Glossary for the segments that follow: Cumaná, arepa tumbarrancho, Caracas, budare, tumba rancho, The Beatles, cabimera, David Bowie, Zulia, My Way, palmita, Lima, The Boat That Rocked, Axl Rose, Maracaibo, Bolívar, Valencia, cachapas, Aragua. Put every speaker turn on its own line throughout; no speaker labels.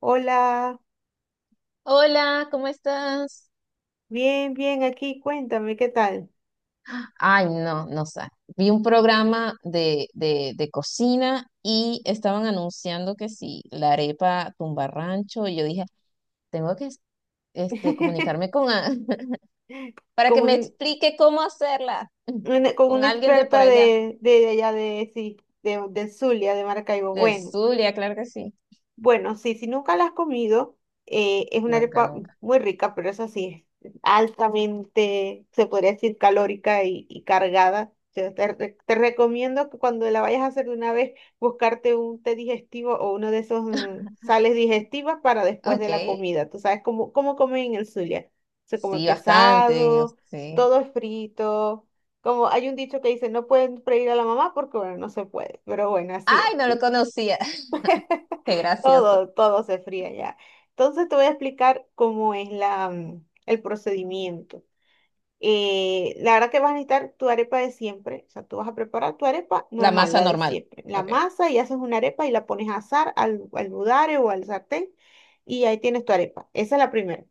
Hola,
Hola, ¿cómo estás?
bien, bien, aquí, cuéntame, ¿qué tal?
Ay, no, no sé. Vi un programa de cocina y estaban anunciando que sí, la arepa tumbarrancho, y yo dije, tengo que comunicarme con a- para
Con,
que me
un-
explique cómo hacerla.
una, con
Con
una
alguien de por
experta
allá,
de allá de, sí, de Zulia, de Maracaibo.
del
Bueno,
Zulia, claro que sí.
Bueno, sí, si nunca la has comido, es una
Nunca,
arepa
nunca.
muy rica, pero eso sí, es altamente, se podría decir, calórica y cargada. O sea, te recomiendo que cuando la vayas a hacer de una vez, buscarte un té digestivo o uno de esos sales digestivas para después de
Ok,
la comida. Tú sabes cómo comen en el Zulia. Se come
sí, bastante, digo,
pesado,
sí.
todo es frito. Como hay un dicho que dice, no pueden freír a la mamá porque, bueno, no se puede. Pero bueno, así es.
Ay, no lo conocía. Qué gracioso.
Todo se fría ya. Entonces te voy a explicar cómo es el procedimiento. La verdad que vas a necesitar tu arepa de siempre. O sea, tú vas a preparar tu arepa
La
normal,
masa
la de
normal.
siempre. La
Ok.
masa y haces una arepa y la pones a asar al budare o al sartén y ahí tienes tu arepa. Esa es la primera.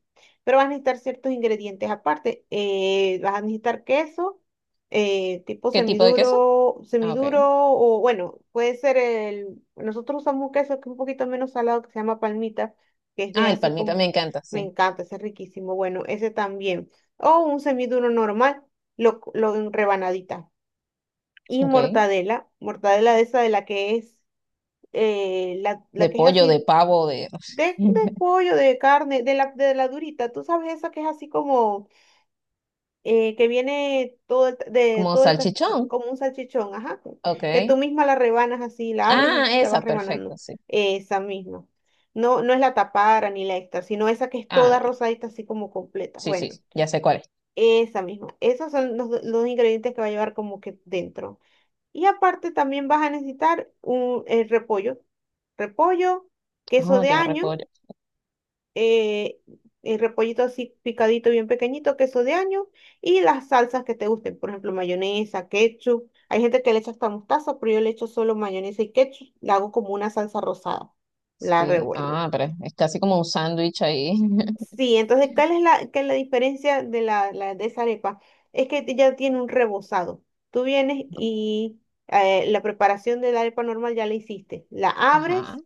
Pero vas a necesitar ciertos ingredientes aparte. Vas a necesitar queso, tipo
¿Qué tipo de queso? Ah, ok.
semiduro o bueno, puede ser el... Nosotros usamos un queso que es un poquito menos salado que se llama palmita, que es de
Ah, el
así
palmita me
como...
encanta,
Me
sí.
encanta, ese es riquísimo. Bueno, ese también o un semiduro normal, lo en rebanadita. Y
Ok.
mortadela, mortadela de esa de la que es,
De
la que es
pollo, de
así
pavo, de...
de pollo, de carne, de la durita, tú sabes esa que es así como, que viene
Como
todo el,
salchichón.
como un salchichón, ajá,
Ok.
que tú misma la rebanas así, la abres
Ah,
y la vas
esa, perfecto,
rebanando,
sí.
esa misma. No es la tapara ni la extra, sino esa que es
Ah,
toda
no.
rosadita, así como completa.
Sí, sí,
Bueno,
sí, ya sé cuál es.
esa misma. Esos son los ingredientes que va a llevar como que dentro. Y aparte también vas a necesitar un el repollo. Repollo, queso
Oh,
de
lleva
año,
repollo.
eh, el repollito así picadito, bien pequeñito, queso de año y las salsas que te gusten. Por ejemplo, mayonesa, ketchup. Hay gente que le echa hasta mostaza, pero yo le echo solo mayonesa y ketchup. La hago como una salsa rosada. La
Sí.
revuelvo.
Ah, pero es casi como un sándwich ahí.
Sí, entonces, ¿qué es la diferencia de esa arepa? Es que ya tiene un rebozado. Tú vienes y la preparación de la arepa normal ya la hiciste. La
Ajá.
abres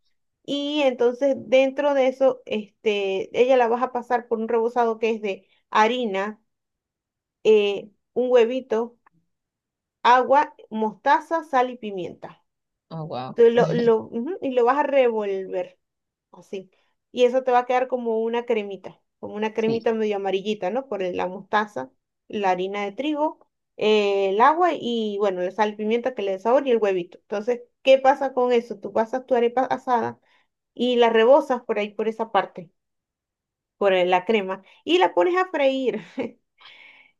y entonces dentro de eso, este, ella la vas a pasar por un rebozado que es de harina, un huevito, agua, mostaza, sal y pimienta.
Oh, wow.
Tú lo, ujú, y lo vas a revolver así. Y eso te va a quedar como una
Sí.
cremita medio amarillita, ¿no? Por la mostaza, la harina de trigo, el agua y, bueno, la sal y pimienta que le dé sabor y el huevito. Entonces, ¿qué pasa con eso? Tú pasas tu arepa asada y la rebozas por ahí, por esa parte, por la crema, y la pones a freír.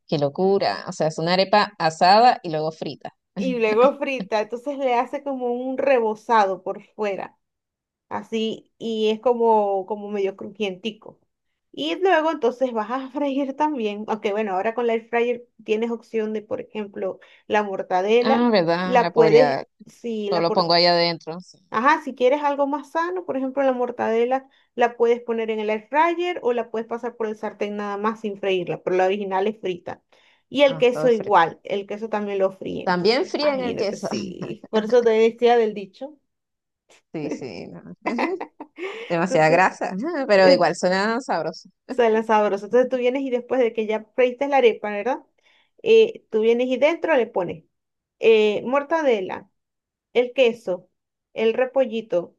Qué locura. O sea, es una arepa asada y luego frita.
Y luego frita, entonces le hace como un rebozado por fuera. Así, y es como, como medio crujientico. Y luego entonces vas a freír también, aunque bueno, ahora con la air fryer tienes opción de, por ejemplo, la mortadela,
Ah, ¿verdad? La
la puedes,
podría...
si
Todo
la
lo
por-
pongo ahí adentro, sí.
ajá, si quieres algo más sano, por ejemplo, la mortadela la puedes poner en el air fryer o la puedes pasar por el sartén nada más sin freírla, pero la original es frita. Y el
Ah,
queso
todo frito.
igual, el queso también lo fríe, entonces
También fríen el
imagínate,
queso.
sí, por eso te decía del dicho.
Sí, sí, no, demasiada
Entonces,
grasa, pero
eh,
igual suena sabroso.
Suena sabroso. Entonces tú vienes y después de que ya freíste la arepa, ¿verdad? Tú vienes y dentro le pones mortadela, el queso, el repollito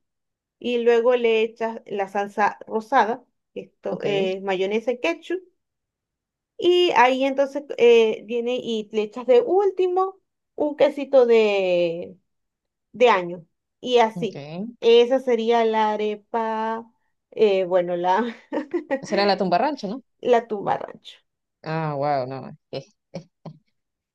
y luego le echas la salsa rosada, esto,
Ok,
mayonesa y ketchup. Y ahí entonces viene y le echas de último un quesito de año. Y
ok.
así. Esa sería la arepa, eh, bueno, la,
Esa era la tumba rancho, ¿no?
la tumba rancho.
Ah, wow, no.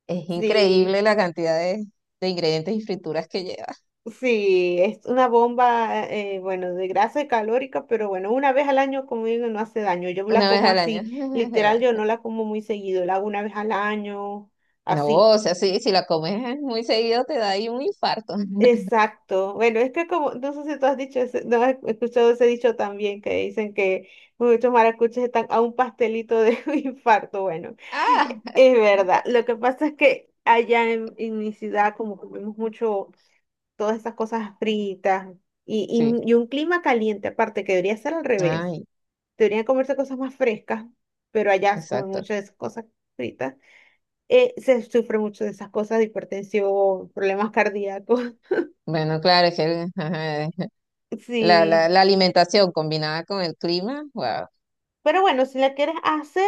Es
Sí.
increíble la cantidad de ingredientes y frituras que lleva
Sí, es una bomba, bueno, de grasa y calórica, pero bueno, una vez al año, como digo, no hace daño. Yo la
una vez
como
al año,
así,
es
literal,
verdad.
yo no la como muy seguido, la hago una vez al año,
No,
así.
o sea, sí, si la comes muy seguido te da ahí un infarto.
Exacto. Bueno, es que como, no sé si tú has dicho ese, no has escuchado ese dicho también, que dicen que muchos maracuchos están a un pastelito de un infarto. Bueno, e,
Ah,
es verdad.
tampoco,
Lo que pasa es que allá en mi ciudad, como comemos mucho todas esas cosas fritas y
sí.
un clima caliente aparte, que debería ser al revés.
Ay,
Deberían comerse cosas más frescas, pero allá se comen
exacto.
mucho de esas cosas fritas. Se sufre mucho de esas cosas, de hipertensión, problemas cardíacos.
Bueno, claro, es que ajá, la, la,
Sí.
la alimentación combinada con el clima, wow.
Pero bueno, si la quieres hacer,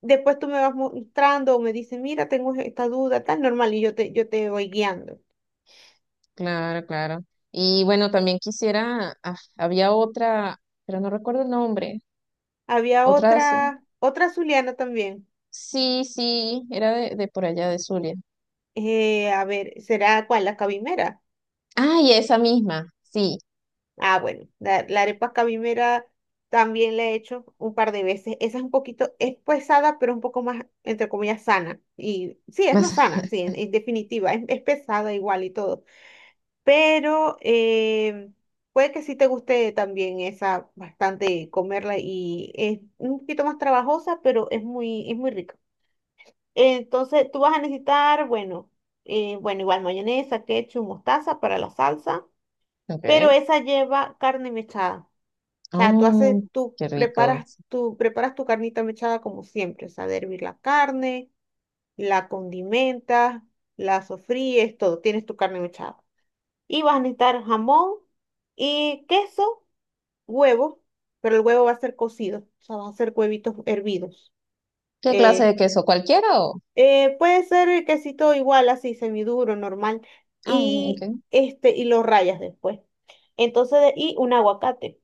después tú me vas mostrando o me dices, mira, tengo esta duda, tan normal, yo te voy guiando.
Claro, claro. Y bueno, también quisiera, ah, había otra, pero no recuerdo el nombre,
Había
otra, sí,
otra, otra zuliana también.
sí, sí, era de por allá de Zulia.
A ver, ¿será cuál? La cabimera.
Ay, esa misma, sí,
Ah, bueno, la arepa cabimera también la he hecho un par de veces. Esa es un poquito, es pesada, pero un poco más, entre comillas, sana. Y sí, es
más,
más sana, sí, en definitiva, es pesada igual y todo. Pero puede que sí te guste también esa bastante comerla y es un poquito más trabajosa, pero es es muy rica. Entonces, tú vas a necesitar, bueno, bueno, igual mayonesa, ketchup, mostaza para la salsa, pero
ok.
esa lleva carne mechada. O sea,
Oh, qué rico.
tú preparas tu carnita mechada como siempre, o sea, de hervir la carne, la condimentas, la sofríes, todo, tienes tu carne mechada. Y vas a necesitar jamón y queso, huevo, pero el huevo va a ser cocido, o sea, va a ser huevitos hervidos.
¿Qué clase
Eh,
de queso? ¿Cualquiera o?
Puede ser el quesito igual, así, semiduro, normal,
Ah,
y
ok,
este, y lo rayas después. Entonces, y un aguacate.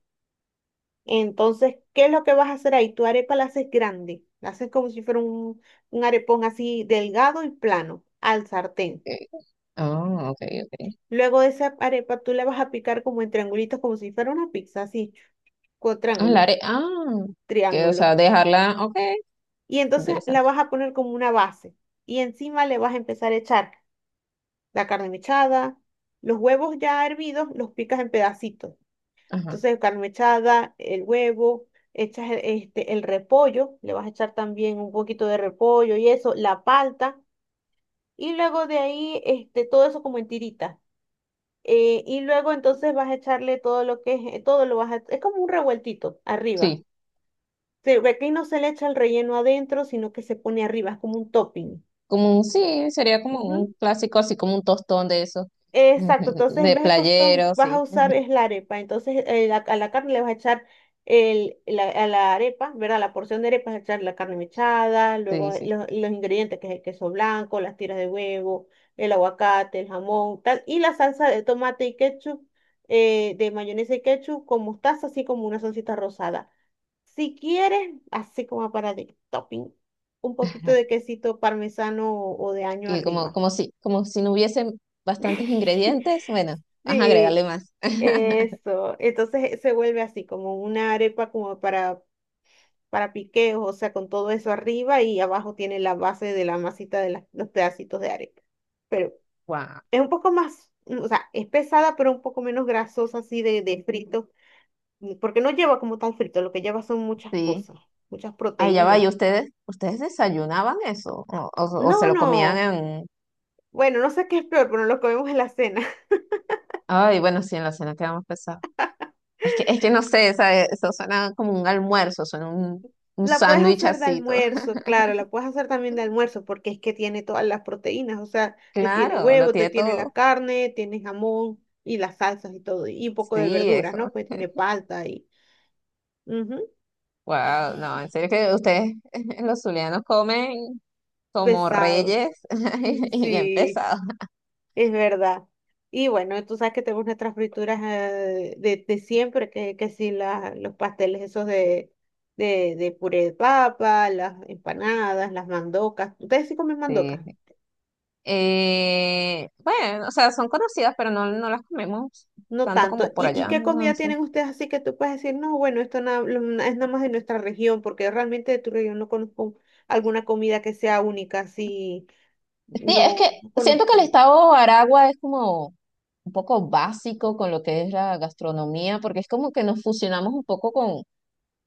Entonces, ¿qué es lo que vas a hacer ahí? Tu arepa la haces grande, la haces como si fuera un arepón así delgado y plano al sartén.
ok. Ah, ok, ok.
Luego de esa arepa tú la vas a picar como en triangulitos, como si fuera una pizza, así, con
Ah, la are- ah, que, o
triángulos.
sea, dejarla, ok, qué
Y entonces la
interesante.
vas a poner como una base y encima le vas a empezar a echar la carne mechada, los huevos ya hervidos, los picas en pedacitos.
Ajá,
Entonces, carne mechada, el huevo, echas el repollo, le vas a echar también un poquito de repollo y eso, la palta, y luego de ahí, este, todo eso como en tiritas. Y luego entonces vas a echarle todo lo que es, todo lo vas a, es como un revueltito arriba.
sí.
Se ve que no se le echa el relleno adentro, sino que se pone arriba, es como un topping.
Como un, sí, sería como
Ujú.
un clásico, así como un tostón de eso,
Exacto, entonces en
de
vez de tostón
playero,
vas
sí,
a usar es la arepa, entonces a la carne le vas a echar a la arepa, ¿verdad? La porción de arepa vas a echar la carne mechada, luego
sí, sí.
los ingredientes que es el queso blanco, las tiras de huevo, el aguacate, el jamón, tal, y la salsa de tomate y ketchup, de mayonesa y ketchup con mostaza, así como una salsita rosada. Si quieres, así como para de topping, un poquito de quesito parmesano o de año
Y como,
arriba.
como si no hubiesen bastantes ingredientes, bueno, vas a
Sí,
agregarle más.
eso, entonces se vuelve así, como una arepa como para piqueos, o sea, con todo eso arriba y abajo tiene la base de la masita de los pedacitos de arepa. Pero
Wow,
es un poco más, mm, o sea, es pesada, pero un poco menos grasosa así de frito, mm, porque no lleva como tal frito, lo que lleva son muchas
sí.
cosas, muchas
Allá va,
proteínas.
¿y ustedes, ustedes desayunaban eso? O se
No,
lo comían
no,
en...
bueno, no sé qué es peor, pero nos lo comemos en la cena.
Ay, bueno, sí, en la cena quedamos pesados. Es que no sé, ¿sabe? Eso suena como un almuerzo, suena un
La puedes
sándwich
hacer de
así, todo.
almuerzo, claro, la puedes hacer también de almuerzo porque es que tiene todas las proteínas, o sea, te tiene
Claro, lo
huevo, te
tiene
tiene la
todo.
carne, tiene jamón y las salsas y todo, y un poco de
Sí,
verduras,
eso.
¿no? Pues tiene palta y ujú,
Wow, no, en serio que ustedes, los zulianos, comen como
pesado.
reyes y bien
Sí,
pesados.
es verdad. Y bueno, tú sabes que tenemos nuestras frituras de siempre, que sí, los pasteles esos de puré de papa, las empanadas, las mandocas. ¿Ustedes sí comen mandocas?
Sí. Bueno, o sea, son conocidas, pero no, no las comemos
No
tanto
tanto.
como por
¿Y
allá.
qué comida
Entonces.
tienen ustedes así que tú puedes decir, no, bueno, esto na- lo- na- es nada más de nuestra región, porque realmente de tu región no conozco alguna comida que sea única, así,
Sí, es que
no
siento que el
conozco.
estado Aragua es como un poco básico con lo que es la gastronomía, porque es como que nos fusionamos un poco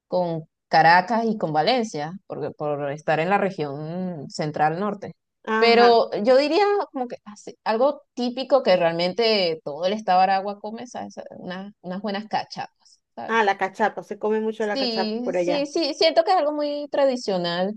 con Caracas y con Valencia, porque, por estar en la región central norte.
Ajá.
Pero yo diría como que así, algo típico que realmente todo el estado de Aragua come, ¿sabes? Unas, unas buenas cachapas,
Ah,
¿sabes?
la cachapa, se come mucho la cachapa
Sí,
por
sí,
allá.
sí, siento que es algo muy tradicional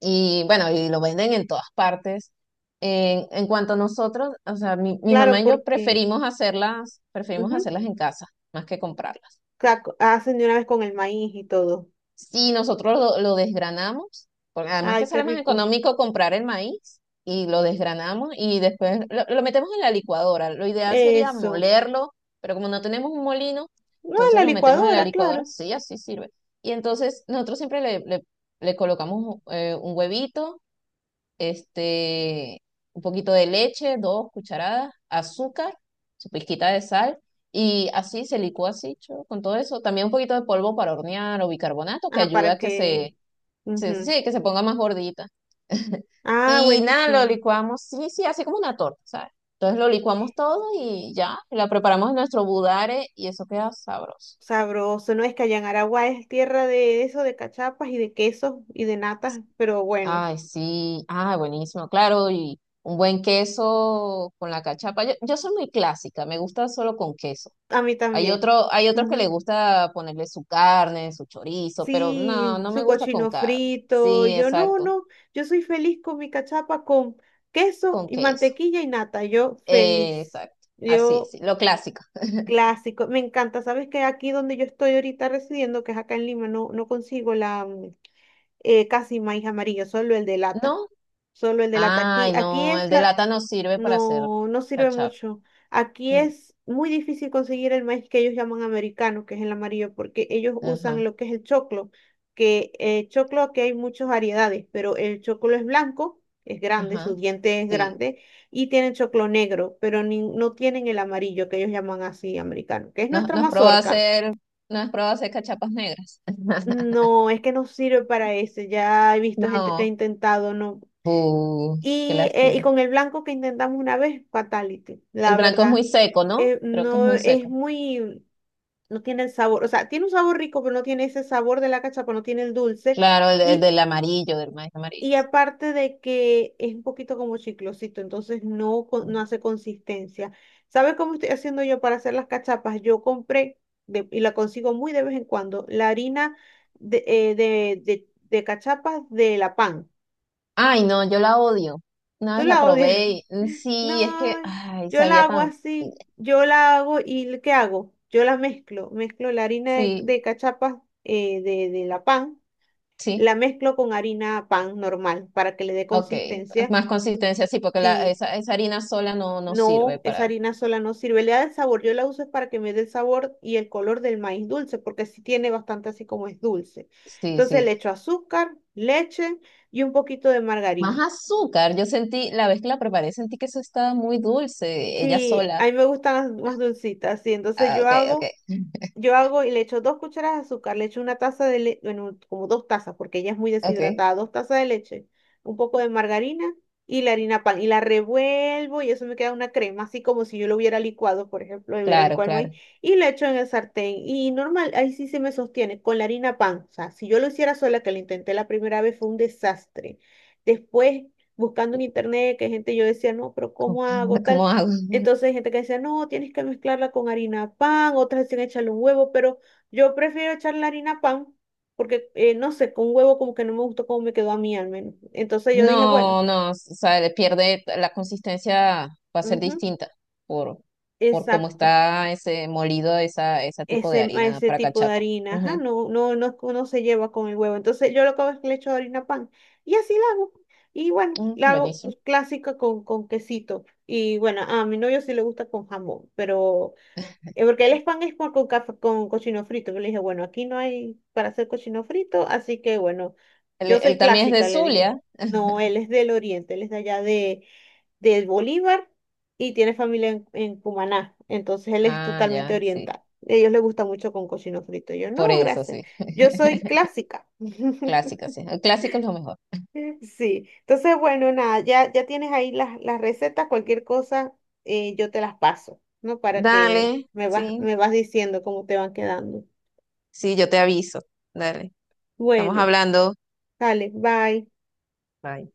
y bueno, y lo venden en todas partes. En cuanto a nosotros, o sea, mi
Claro,
mamá y yo
porque
preferimos
ujú,
hacerlas en casa más que comprarlas.
hacen de una vez con el maíz y todo.
Si nosotros lo desgranamos, porque además que
Ay, qué
sale más
rico.
económico comprar el maíz y lo desgranamos y después lo metemos en la licuadora. Lo ideal sería
Eso.
molerlo, pero como no tenemos un molino,
No, en
entonces
la
lo metemos en la
licuadora,
licuadora,
claro.
sí, así sirve. Y entonces nosotros siempre le colocamos un huevito este, un poquito de leche, dos cucharadas, azúcar, su pizquita de sal, y así se licúa así, cho, con todo eso. También un poquito de polvo para hornear o bicarbonato, que
Ah,
ayuda
para
a que
que... ujú.
sí, que se ponga más gordita.
Ah,
Y nada, lo
buenísimo.
licuamos, sí, sí, así como una torta, ¿sabes? Entonces lo licuamos todo y ya, la preparamos en nuestro budare y eso queda sabroso.
Sabroso, no es que allá en Aragua es tierra de eso, de cachapas y de quesos y de natas, pero bueno,
Ay, sí, ah, buenísimo, claro, y un buen queso con la cachapa. Yo soy muy clásica, me gusta solo con queso.
a mí
Hay
también.
otro, hay otros que le
Ujú.
gusta ponerle su carne, su chorizo, pero no,
Sí,
no me
su
gusta con
cochino
carne.
frito,
Sí,
yo no,
exacto,
no, yo soy feliz con mi cachapa con queso
con
y
queso.
mantequilla y nata, yo feliz.
Exacto, así,
Yo
sí, lo clásico.
clásico, me encanta. Sabes que aquí donde yo estoy ahorita residiendo, que es acá en Lima, no, no consigo la casi maíz amarillo, solo el de lata,
¿No?
solo el de lata. Aquí,
Ay,
aquí
no, el
es
de
la...
lata no sirve para hacer
No, no sirve
cachapa.
mucho. Aquí
Mm,
es muy difícil conseguir el maíz que ellos llaman americano, que es el amarillo, porque ellos usan
ajá,
lo que es el choclo, que choclo aquí hay muchas variedades, pero el choclo es blanco, es grande, su
ajá,
diente es
sí.
grande, y tienen choclo negro, pero no tienen el amarillo que ellos llaman así americano, que es
Nos,
nuestra mazorca.
nos probó hacer cachapas negras.
No, es que no sirve para ese. Ya he visto gente que ha
No.
intentado, no.
Uh, qué
Y
lástima.
con el blanco que intentamos una vez, fatality,
El
la
blanco es muy
verdad.
seco, ¿no? Creo que es
No
muy
es
seco.
muy, no tiene el sabor, o sea, tiene un sabor rico, pero no tiene ese sabor de la cachapa, no tiene el dulce.
Claro, el
Y,
del amarillo, del maíz amarillo,
y aparte de que es un poquito como chiclosito, entonces no,
sí.
no hace consistencia. ¿Sabes cómo estoy haciendo yo para hacer las cachapas? Yo compré, y la consigo muy de vez en cuando, la harina de cachapas de la pan.
Ay, no, yo la odio. Una
Tú
vez la
la odias.
probé y mm, sí, es que,
No,
ay,
yo la
sabía
hago
tan.
así. Yo la hago y ¿qué hago? Yo la mezclo. Mezclo la harina de,
Sí,
de cachapas de la pan.
sí,
La mezclo con harina pan normal para que le dé
ok.
consistencia.
Más consistencia, sí, porque la,
Si
esa harina sola no, no sirve
no, esa
para.
harina sola no sirve. Le da el sabor. Yo la uso es para que me dé el sabor y el color del maíz dulce, porque sí tiene bastante así como es dulce.
Sí,
Entonces le
sí.
echo azúcar, leche y un poquito de
Más
margarina.
azúcar. Yo sentí, la vez que la preparé, sentí que eso estaba muy dulce, ella
Sí, a
sola.
mí me gustan las más dulcitas, sí. Entonces
Ah, ok, ok,
yo hago y le echo dos cucharadas de azúcar, le echo una taza de leche, bueno, como dos tazas, porque ella es muy
ok.
deshidratada, dos tazas de leche, un poco de margarina y la harina pan, y la revuelvo y eso me queda una crema, así como si yo lo hubiera licuado, por ejemplo, y hubiera
Claro,
licuado el
claro.
maíz, y lo echo en el sartén. Y normal, ahí sí se me sostiene, con la harina pan. O sea, si yo lo hiciera sola, que lo intenté la primera vez, fue un desastre. Después, buscando en internet, que gente yo decía, no, pero
¿Cómo,
¿cómo hago tal?
cómo hago?
Entonces hay gente que dice, no, tienes que mezclarla con harina pan, otras dicen echarle un huevo, pero yo prefiero echarle harina pan porque, no sé, con huevo como que no me gustó cómo me quedó a mí al menos. Entonces yo dije, bueno,
No, no, o sea, le pierde la consistencia, va a ser
ujú,
distinta por, por cómo
exacto,
está ese molido, esa, ese tipo de
ese, a
harina
ese
para
tipo de
cachapa.
harina, ajá,
Ujú.
no, no, no, no se lleva con el huevo. Entonces yo lo que hago es que le echo harina pan y así la hago. Y bueno,
Mm,
la hago
buenísimo.
pues, clásica con quesito. Y bueno, a mi novio sí le gusta con jamón, pero porque el pan es con, con cochino frito. Yo le dije, bueno, aquí no hay para hacer cochino frito, así que bueno,
Él,
yo soy
él también es
clásica,
de
le dije.
Zulia.
No, él es del oriente, él es de allá de Bolívar y tiene familia en Cumaná, entonces él es
Ah,
totalmente
ya, sí.
oriental. A ellos les gusta mucho con cochino frito. Yo,
Por
no,
eso,
gracias.
sí.
Yo soy clásica.
Clásico, sí. El clásico es lo mejor.
Sí, entonces bueno, nada, ya, ya tienes ahí las recetas, cualquier cosa yo te las paso, ¿no? Para que
Dale, sí.
me vas diciendo cómo te van quedando.
Sí, yo te aviso. Dale. Estamos
Bueno,
hablando.
dale, bye.
Bye.